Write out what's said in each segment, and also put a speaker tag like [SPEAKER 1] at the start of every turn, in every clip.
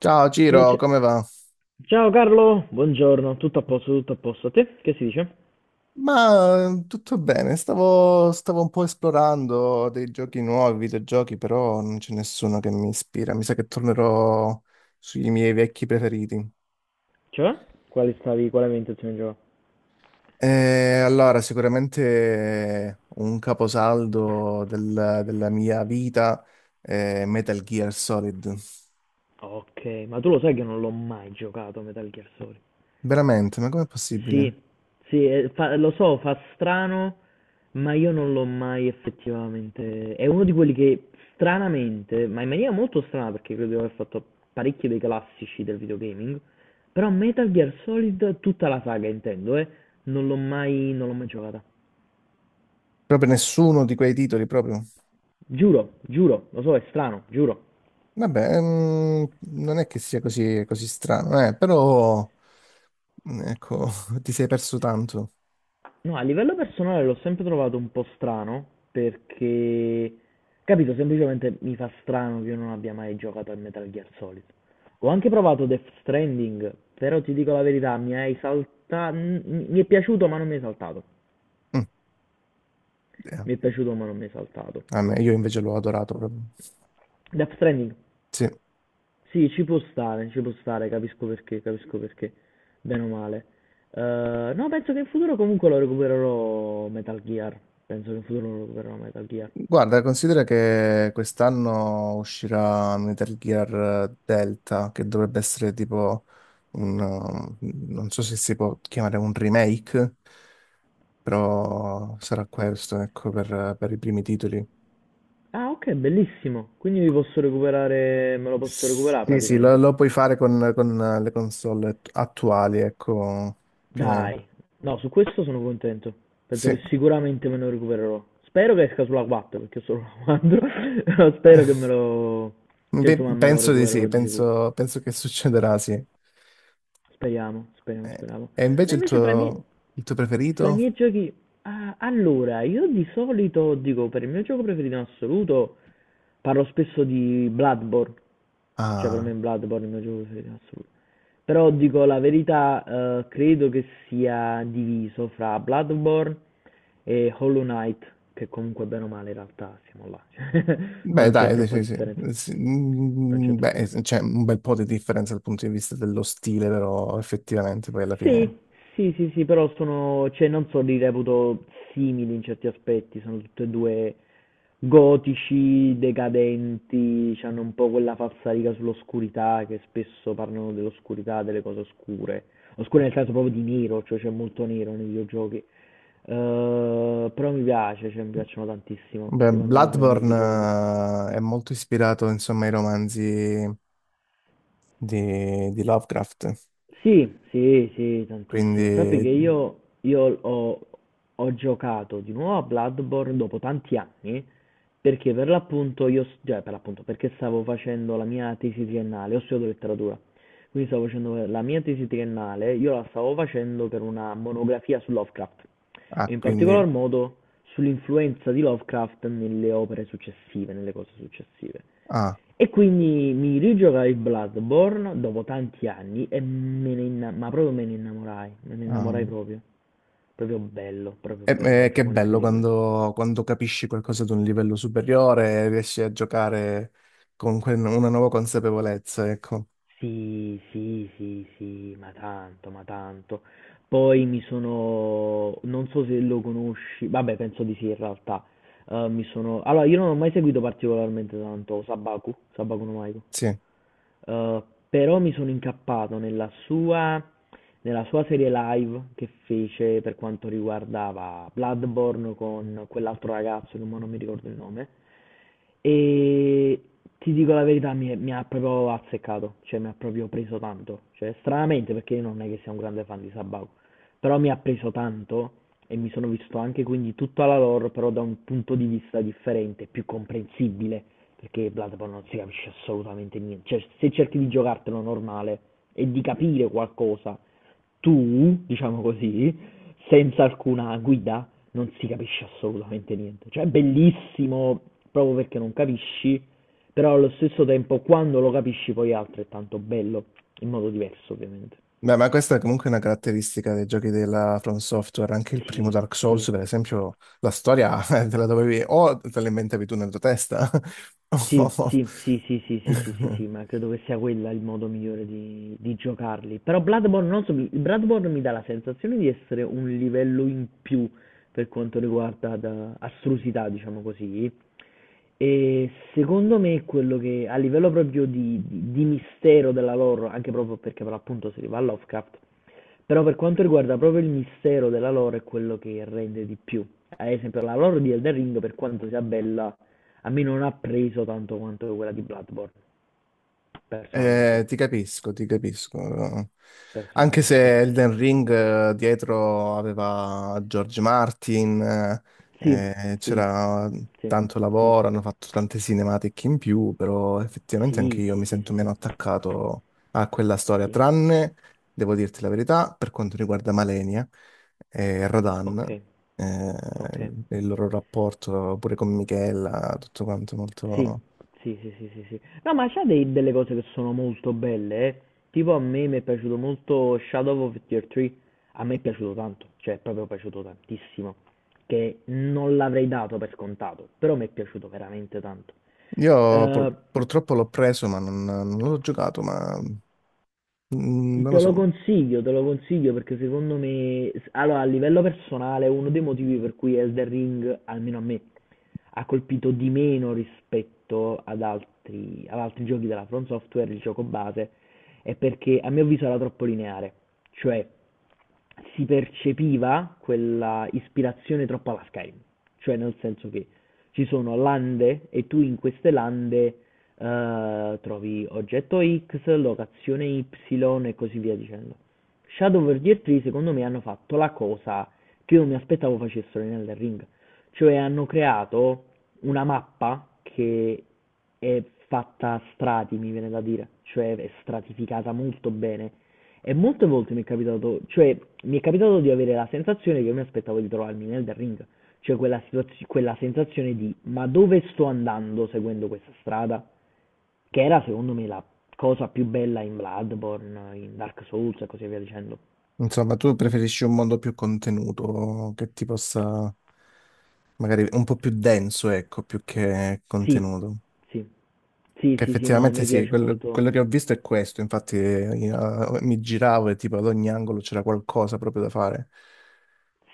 [SPEAKER 1] Ciao
[SPEAKER 2] Eh,
[SPEAKER 1] Ciro,
[SPEAKER 2] c-
[SPEAKER 1] come va?
[SPEAKER 2] Ciao Carlo, buongiorno, tutto a posto, tutto a posto. A te? Che si dice?
[SPEAKER 1] Ma tutto bene, stavo un po' esplorando dei giochi nuovi, videogiochi, però non c'è nessuno che mi ispira. Mi sa che tornerò sui miei vecchi preferiti.
[SPEAKER 2] Cioè? Quali stavi, quale ambientazione gioca?
[SPEAKER 1] E allora, sicuramente un caposaldo della mia vita è Metal Gear Solid.
[SPEAKER 2] Ok, ma tu lo sai che non l'ho mai giocato a Metal Gear Solid.
[SPEAKER 1] Veramente, ma com'è possibile?
[SPEAKER 2] Sì, sì, lo so, fa strano, ma io non l'ho mai effettivamente... È uno di quelli che stranamente, ma in maniera molto strana perché credo di aver fatto parecchi dei classici del videogaming, però Metal Gear Solid, tutta la saga intendo, non l'ho mai giocata.
[SPEAKER 1] Proprio nessuno di quei titoli, proprio.
[SPEAKER 2] Giuro, giuro, lo so, è strano, giuro.
[SPEAKER 1] Vabbè, mm, non è che sia così strano, però. Mm, ecco, ti sei perso tanto.
[SPEAKER 2] No, a livello personale l'ho sempre trovato un po' strano perché, capito, semplicemente mi fa strano che io non abbia mai giocato a Metal Gear Solid. Ho anche provato Death Stranding, però ti dico la verità, mi hai saltato, mi è piaciuto ma non mi è saltato.
[SPEAKER 1] Mm,
[SPEAKER 2] Mi è
[SPEAKER 1] ok.
[SPEAKER 2] piaciuto ma non mi è saltato.
[SPEAKER 1] Io invece l'ho adorato proprio.
[SPEAKER 2] Death Stranding.
[SPEAKER 1] Sì.
[SPEAKER 2] Sì, ci può stare, capisco perché, bene o male. No, penso che in futuro comunque lo recupererò Metal Gear. Penso che in futuro lo recupererò Metal Gear.
[SPEAKER 1] Guarda, considera che quest'anno uscirà Metal Gear Delta, che dovrebbe essere tipo un... um, non so se si può chiamare un remake, però sarà questo, ecco, per i primi titoli.
[SPEAKER 2] Ah, ok, bellissimo. Quindi mi posso recuperare, me lo posso recuperare
[SPEAKER 1] Sì, sì,
[SPEAKER 2] praticamente.
[SPEAKER 1] lo puoi fare con le console attuali, ecco, più o meno.
[SPEAKER 2] Dai, no, su questo sono contento. Penso
[SPEAKER 1] Sì.
[SPEAKER 2] che sicuramente me lo recupererò. Spero che esca sulla 4, perché ho solo la 4. Però spero che me lo... Cioè,
[SPEAKER 1] Beh,
[SPEAKER 2] insomma, me lo
[SPEAKER 1] penso di
[SPEAKER 2] recupererò
[SPEAKER 1] sì,
[SPEAKER 2] di sicuro.
[SPEAKER 1] penso che succederà, sì.
[SPEAKER 2] Speriamo, speriamo,
[SPEAKER 1] Eh,
[SPEAKER 2] speriamo.
[SPEAKER 1] e
[SPEAKER 2] No,
[SPEAKER 1] invece
[SPEAKER 2] invece fra i miei...
[SPEAKER 1] il tuo
[SPEAKER 2] Fra i
[SPEAKER 1] preferito?
[SPEAKER 2] miei giochi, ah, allora, io di solito dico per il mio gioco preferito in assoluto, parlo spesso di Bloodborne, cioè per me
[SPEAKER 1] Ah,
[SPEAKER 2] Bloodborne è il mio gioco preferito in assoluto. Però dico la verità, credo che sia diviso fra Bloodborne e Hollow Knight, che comunque bene o male in realtà siamo là, cioè,
[SPEAKER 1] beh,
[SPEAKER 2] non c'è
[SPEAKER 1] dai,
[SPEAKER 2] troppa
[SPEAKER 1] sì, sì.
[SPEAKER 2] differenza,
[SPEAKER 1] Sì, sì,
[SPEAKER 2] non c'è
[SPEAKER 1] mm,
[SPEAKER 2] troppa
[SPEAKER 1] beh,
[SPEAKER 2] differenza.
[SPEAKER 1] c'è un bel po' di differenza dal punto di vista dello stile, però effettivamente poi alla
[SPEAKER 2] Sì,
[SPEAKER 1] fine...
[SPEAKER 2] sì, sì, sì, però sono, cioè non so, li reputo simili in certi aspetti, sono tutte e due gotici, decadenti, hanno un po' quella falsariga sull'oscurità, che spesso parlano dell'oscurità, delle cose oscure. Oscure nel senso proprio di nero, cioè c'è molto nero nei videogiochi. Però mi piace, cioè mi piacciono tantissimo,
[SPEAKER 1] Beh,
[SPEAKER 2] rimangono fra i miei videogiochi.
[SPEAKER 1] Bloodborne è molto ispirato, insomma, ai romanzi di Lovecraft,
[SPEAKER 2] Sì, sì, sì, tantissimo. Sappi
[SPEAKER 1] quindi...
[SPEAKER 2] che io ho giocato di nuovo a Bloodborne dopo tanti anni perché per l'appunto io, cioè per l'appunto, perché stavo facendo la mia tesi triennale, ho studiato letteratura, quindi stavo facendo la mia tesi triennale, io la stavo facendo per una monografia su Lovecraft e in particolar
[SPEAKER 1] Quindi...
[SPEAKER 2] modo sull'influenza di Lovecraft nelle opere successive, nelle cose successive.
[SPEAKER 1] Ah,
[SPEAKER 2] E quindi mi rigiogai il Bloodborne dopo tanti anni e ma proprio me ne innamorai
[SPEAKER 1] ah.
[SPEAKER 2] proprio, proprio
[SPEAKER 1] E-
[SPEAKER 2] bello, un
[SPEAKER 1] e che
[SPEAKER 2] gioco
[SPEAKER 1] bello
[SPEAKER 2] incredibile.
[SPEAKER 1] quando capisci qualcosa ad un livello superiore e riesci a giocare con una nuova consapevolezza, ecco.
[SPEAKER 2] Sì, sì, sì, sì, ma tanto, ma tanto. Poi mi sono, non so se lo conosci, vabbè, penso di sì in realtà. Mi sono, allora io non ho mai seguito particolarmente tanto Sabaku, Sabaku no.
[SPEAKER 1] Sì.
[SPEAKER 2] Uhm, Però mi sono incappato nella sua serie live che fece per quanto riguardava Bloodborne con quell'altro ragazzo che mo non mi ricordo il nome, e ti dico la verità, mi ha proprio azzeccato, cioè mi ha proprio preso tanto, cioè stranamente perché io non è che sia un grande fan di Sabao, però mi ha preso tanto e mi sono visto anche quindi tutta la lore però da un punto di vista differente, più comprensibile, perché Bloodborne non si capisce assolutamente niente, cioè se cerchi di giocartelo normale e di capire qualcosa, tu, diciamo così, senza alcuna guida non si capisce assolutamente niente, cioè è bellissimo proprio perché non capisci, però allo stesso tempo quando lo capisci poi è altrettanto bello, in modo diverso ovviamente.
[SPEAKER 1] Beh, ma questa è comunque una caratteristica dei giochi della From Software. Anche il primo
[SPEAKER 2] Sì,
[SPEAKER 1] Dark Souls,
[SPEAKER 2] sì.
[SPEAKER 1] per esempio, la storia te la dovevi o te la inventavi tu nella tua testa.
[SPEAKER 2] Sì,
[SPEAKER 1] o-
[SPEAKER 2] sì, sì, sì, sì, sì, sì, sì, sì, ma credo che sia quella il modo migliore di giocarli. Però Bloodborne, non so, Bloodborne mi dà la sensazione di essere un livello in più per quanto riguarda astrusità, diciamo così. E secondo me quello che a livello proprio di, di mistero della lore, anche proprio perché per l'appunto si arriva a Lovecraft, però per quanto riguarda proprio il mistero della lore è quello che rende di più. Ad esempio la lore di Elden Ring, per quanto sia bella, a me non ha preso tanto quanto quella di Bloodborne, personalmente.
[SPEAKER 1] Ti capisco, ti capisco. Anche
[SPEAKER 2] Personalmente.
[SPEAKER 1] se Elden Ring dietro aveva George Martin,
[SPEAKER 2] Sì, sì,
[SPEAKER 1] c'era
[SPEAKER 2] sì,
[SPEAKER 1] tanto
[SPEAKER 2] sì.
[SPEAKER 1] lavoro, hanno fatto tante cinematiche in più, però effettivamente anche
[SPEAKER 2] Sì,
[SPEAKER 1] io
[SPEAKER 2] sì,
[SPEAKER 1] mi
[SPEAKER 2] sì,
[SPEAKER 1] sento
[SPEAKER 2] sì,
[SPEAKER 1] meno
[SPEAKER 2] sì.
[SPEAKER 1] attaccato a quella storia,
[SPEAKER 2] Sì.
[SPEAKER 1] tranne, devo dirti la verità, per quanto riguarda Malenia e Radan,
[SPEAKER 2] Ok,
[SPEAKER 1] eh,
[SPEAKER 2] ok.
[SPEAKER 1] il loro rapporto pure con Michela, tutto quanto
[SPEAKER 2] Sì,
[SPEAKER 1] molto...
[SPEAKER 2] sì, sì, sì, sì, sì. No, ma c'ha dei- delle cose che sono molto belle, eh. Tipo a me mi è piaciuto molto Shadow of the Tree. A me è piaciuto tanto, cioè è proprio piaciuto tantissimo, che non l'avrei dato per scontato, però mi è piaciuto veramente tanto.
[SPEAKER 1] Io
[SPEAKER 2] Eh,
[SPEAKER 1] purtroppo l'ho preso, ma non l'ho giocato, ma mm, non lo
[SPEAKER 2] Te lo
[SPEAKER 1] so.
[SPEAKER 2] consiglio, te lo consiglio perché secondo me, allora a livello personale, uno dei motivi per cui Elden Ring, almeno a me, ha colpito di meno rispetto ad altri giochi della From Software, il gioco base, è perché a mio avviso era troppo lineare, cioè si percepiva quella ispirazione troppo alla Skyrim, cioè nel senso che ci sono lande e tu in queste lande trovi oggetto X, locazione Y e così via dicendo. Shadow Verdier 3 secondo me hanno fatto la cosa che io mi aspettavo facessero nel ring, cioè hanno creato una mappa che è fatta a strati, mi viene da dire, cioè è stratificata molto bene. E molte volte mi è capitato, cioè mi è capitato di avere la sensazione che io mi aspettavo di trovarmi nel ring, cioè quella, quella sensazione di ma dove sto andando seguendo questa strada? Che era secondo me la cosa più bella in Bloodborne, in Dark Souls e così via dicendo.
[SPEAKER 1] Insomma, tu preferisci un mondo più contenuto, magari un po' più denso, ecco, più che
[SPEAKER 2] Sì,
[SPEAKER 1] contenuto.
[SPEAKER 2] sì. Sì,
[SPEAKER 1] Che
[SPEAKER 2] sì, sì, no, a
[SPEAKER 1] effettivamente
[SPEAKER 2] me
[SPEAKER 1] sì,
[SPEAKER 2] piace molto.
[SPEAKER 1] quello che ho visto è questo, infatti io, mi giravo e tipo ad ogni angolo c'era qualcosa proprio da fare.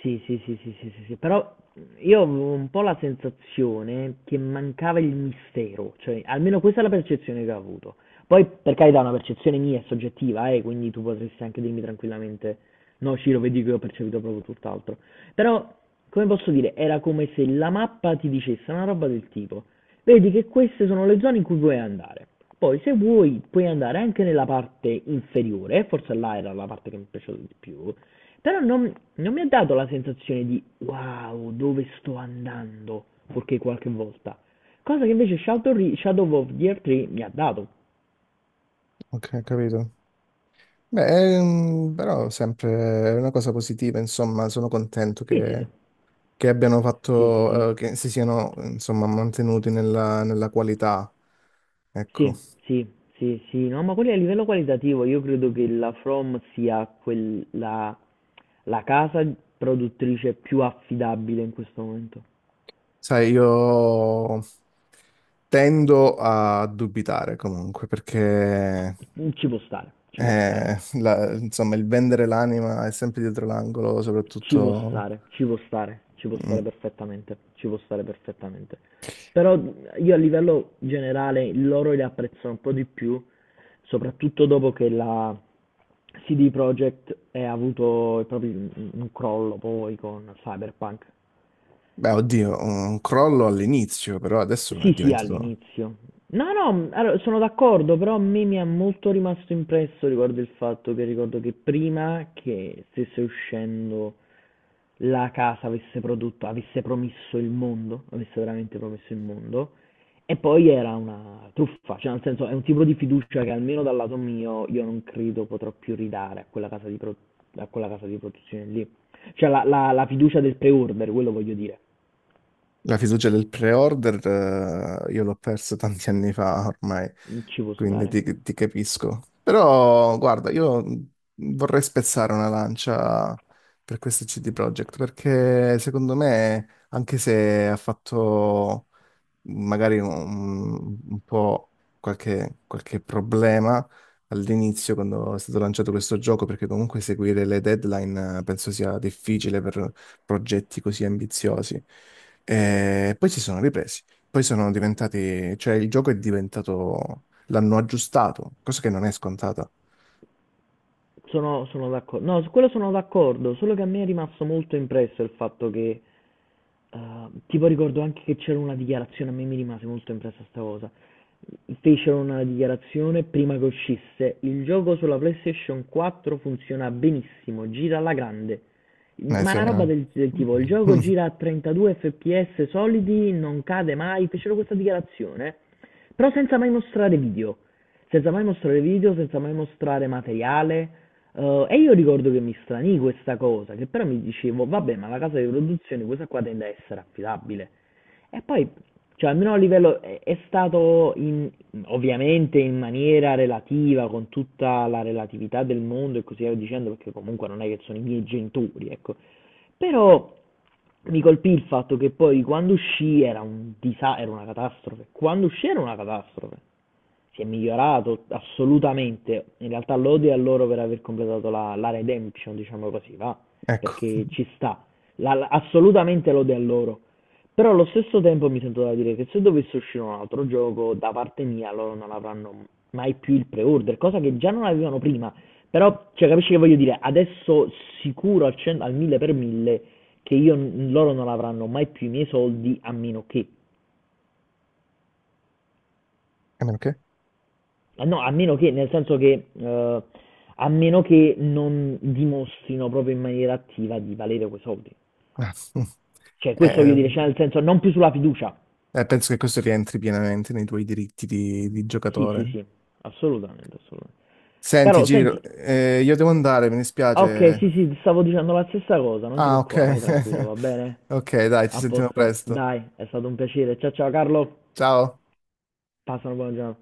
[SPEAKER 2] Sì, sì, sì, sì, sì, sì, sì. Però io avevo un po' la sensazione che mancava il mistero, cioè almeno questa è la percezione che ho avuto. Poi, per carità, è una percezione mia è soggettiva, quindi tu potresti anche dirmi tranquillamente, no, Ciro, vedi che ho percepito proprio tutt'altro. Però, come posso dire, era come se la mappa ti dicesse una roba del tipo. Vedi che queste sono le zone in cui vuoi andare. Poi se vuoi puoi andare anche nella parte inferiore, forse là era la parte che mi piaceva di più, però non, non mi ha dato la sensazione di wow, dove sto andando, perché qualche volta. Cosa che invece Shadow, Shadow of Gear 3 mi ha dato.
[SPEAKER 1] Ok, capito. Beh, però sempre è una cosa positiva, insomma, sono contento
[SPEAKER 2] Sì, sì, sì.
[SPEAKER 1] che abbiano
[SPEAKER 2] Sì, sì, sì.
[SPEAKER 1] fatto, che si siano, insomma, mantenuti nella qualità, ecco.
[SPEAKER 2] Sì, sì, sì, sì. No, ma quelli a livello qualitativo io credo che la From sia quella, la casa produttrice più affidabile in questo momento.
[SPEAKER 1] Sai, io tendo a dubitare comunque perché
[SPEAKER 2] Ci può stare, ci può stare,
[SPEAKER 1] insomma il vendere l'anima è sempre dietro l'angolo,
[SPEAKER 2] ci può
[SPEAKER 1] soprattutto,
[SPEAKER 2] stare, ci può stare, ci può stare
[SPEAKER 1] mm,
[SPEAKER 2] perfettamente, ci può stare perfettamente. Però io a livello generale loro li apprezzo un po' di più, soprattutto dopo che la CD Projekt ha avuto proprio un crollo poi con Cyberpunk.
[SPEAKER 1] beh, oddio, un crollo all'inizio, però adesso è
[SPEAKER 2] Sì, sì,
[SPEAKER 1] diventato.
[SPEAKER 2] all'inizio. No, no, allora, sono d'accordo, però a me mi è molto rimasto impresso riguardo il fatto che ricordo che prima che stesse uscendo la casa avesse prodotto, avesse promesso il mondo, avesse veramente promesso il mondo, e poi era una truffa, cioè nel senso è un tipo di fiducia che almeno dal lato mio io non credo potrò più ridare a quella casa di, a quella casa di produzione lì. Cioè la, la fiducia del pre-order, quello voglio dire,
[SPEAKER 1] La fiducia del pre-order, io l'ho persa tanti anni fa ormai,
[SPEAKER 2] ci può
[SPEAKER 1] quindi
[SPEAKER 2] stare.
[SPEAKER 1] ti capisco. Però, guarda, io vorrei spezzare una lancia per questo CD Projekt, perché secondo me, anche se ha fatto magari un po' qualche problema all'inizio quando è stato lanciato questo gioco, perché comunque seguire le deadline penso sia difficile per progetti così ambiziosi. E poi si sono ripresi, poi sono diventati, cioè il gioco è diventato, l'hanno aggiustato, cosa che non è scontata.
[SPEAKER 2] Sono d'accordo, no, su quello sono d'accordo, solo che a me è rimasto molto impresso il fatto che. Tipo ricordo anche che c'era una dichiarazione, a me mi rimase molto impressa sta cosa. Fecero una dichiarazione prima che uscisse: il gioco sulla PlayStation 4 funziona benissimo, gira alla grande.
[SPEAKER 1] Eh
[SPEAKER 2] Ma
[SPEAKER 1] sì,
[SPEAKER 2] una roba
[SPEAKER 1] eh.
[SPEAKER 2] del tipo, il gioco gira a 32 FPS solidi, non cade mai, fecero questa dichiarazione, però senza mai mostrare video, senza mai mostrare video, senza mai mostrare materiale. E io ricordo che mi stranì questa cosa, che però mi dicevo, vabbè, ma la casa di produzione questa qua tende a essere affidabile. E poi, cioè, almeno a livello è stato ovviamente in maniera relativa, con tutta la relatività del mondo e così via dicendo, perché comunque non è che sono i miei genitori, ecco. Però mi colpì il fatto che poi quando uscì era un era una catastrofe. Quando uscì era una catastrofe, si è migliorato assolutamente. In realtà lode a loro per aver completato la, la redemption, diciamo così, va?
[SPEAKER 1] Ecco,
[SPEAKER 2] Perché ci sta. Assolutamente lode a loro. Però allo stesso tempo mi sento da dire che se dovesse uscire un altro gioco, da parte mia loro non avranno mai più il pre-order, cosa che già non avevano prima. Però, cioè, capisci che voglio dire? Adesso sicuro al, al mille per mille che io, loro non avranno mai più i miei soldi a meno che.
[SPEAKER 1] a meno che...
[SPEAKER 2] Eh no, a meno che, nel senso che, a meno che non dimostrino proprio in maniera attiva di valere quei soldi.
[SPEAKER 1] Ah.
[SPEAKER 2] Cioè, questo voglio
[SPEAKER 1] Eh,
[SPEAKER 2] dire, cioè nel senso, non più sulla fiducia.
[SPEAKER 1] penso che questo rientri pienamente nei tuoi diritti di
[SPEAKER 2] Sì, sì,
[SPEAKER 1] giocatore.
[SPEAKER 2] sì, assolutamente, assolutamente.
[SPEAKER 1] Senti,
[SPEAKER 2] Caro, senti,
[SPEAKER 1] Giro, io devo andare, mi
[SPEAKER 2] ah, ok,
[SPEAKER 1] dispiace.
[SPEAKER 2] sì, sì, stavo dicendo la stessa cosa, non ti
[SPEAKER 1] Ah, ok.
[SPEAKER 2] preoccupare, vai tranquillo, va bene?
[SPEAKER 1] Ok, dai, ci
[SPEAKER 2] A
[SPEAKER 1] sentiamo
[SPEAKER 2] posto,
[SPEAKER 1] presto.
[SPEAKER 2] dai, è stato un piacere. Ciao, ciao, Carlo,
[SPEAKER 1] Ciao.
[SPEAKER 2] passa una buona giornata.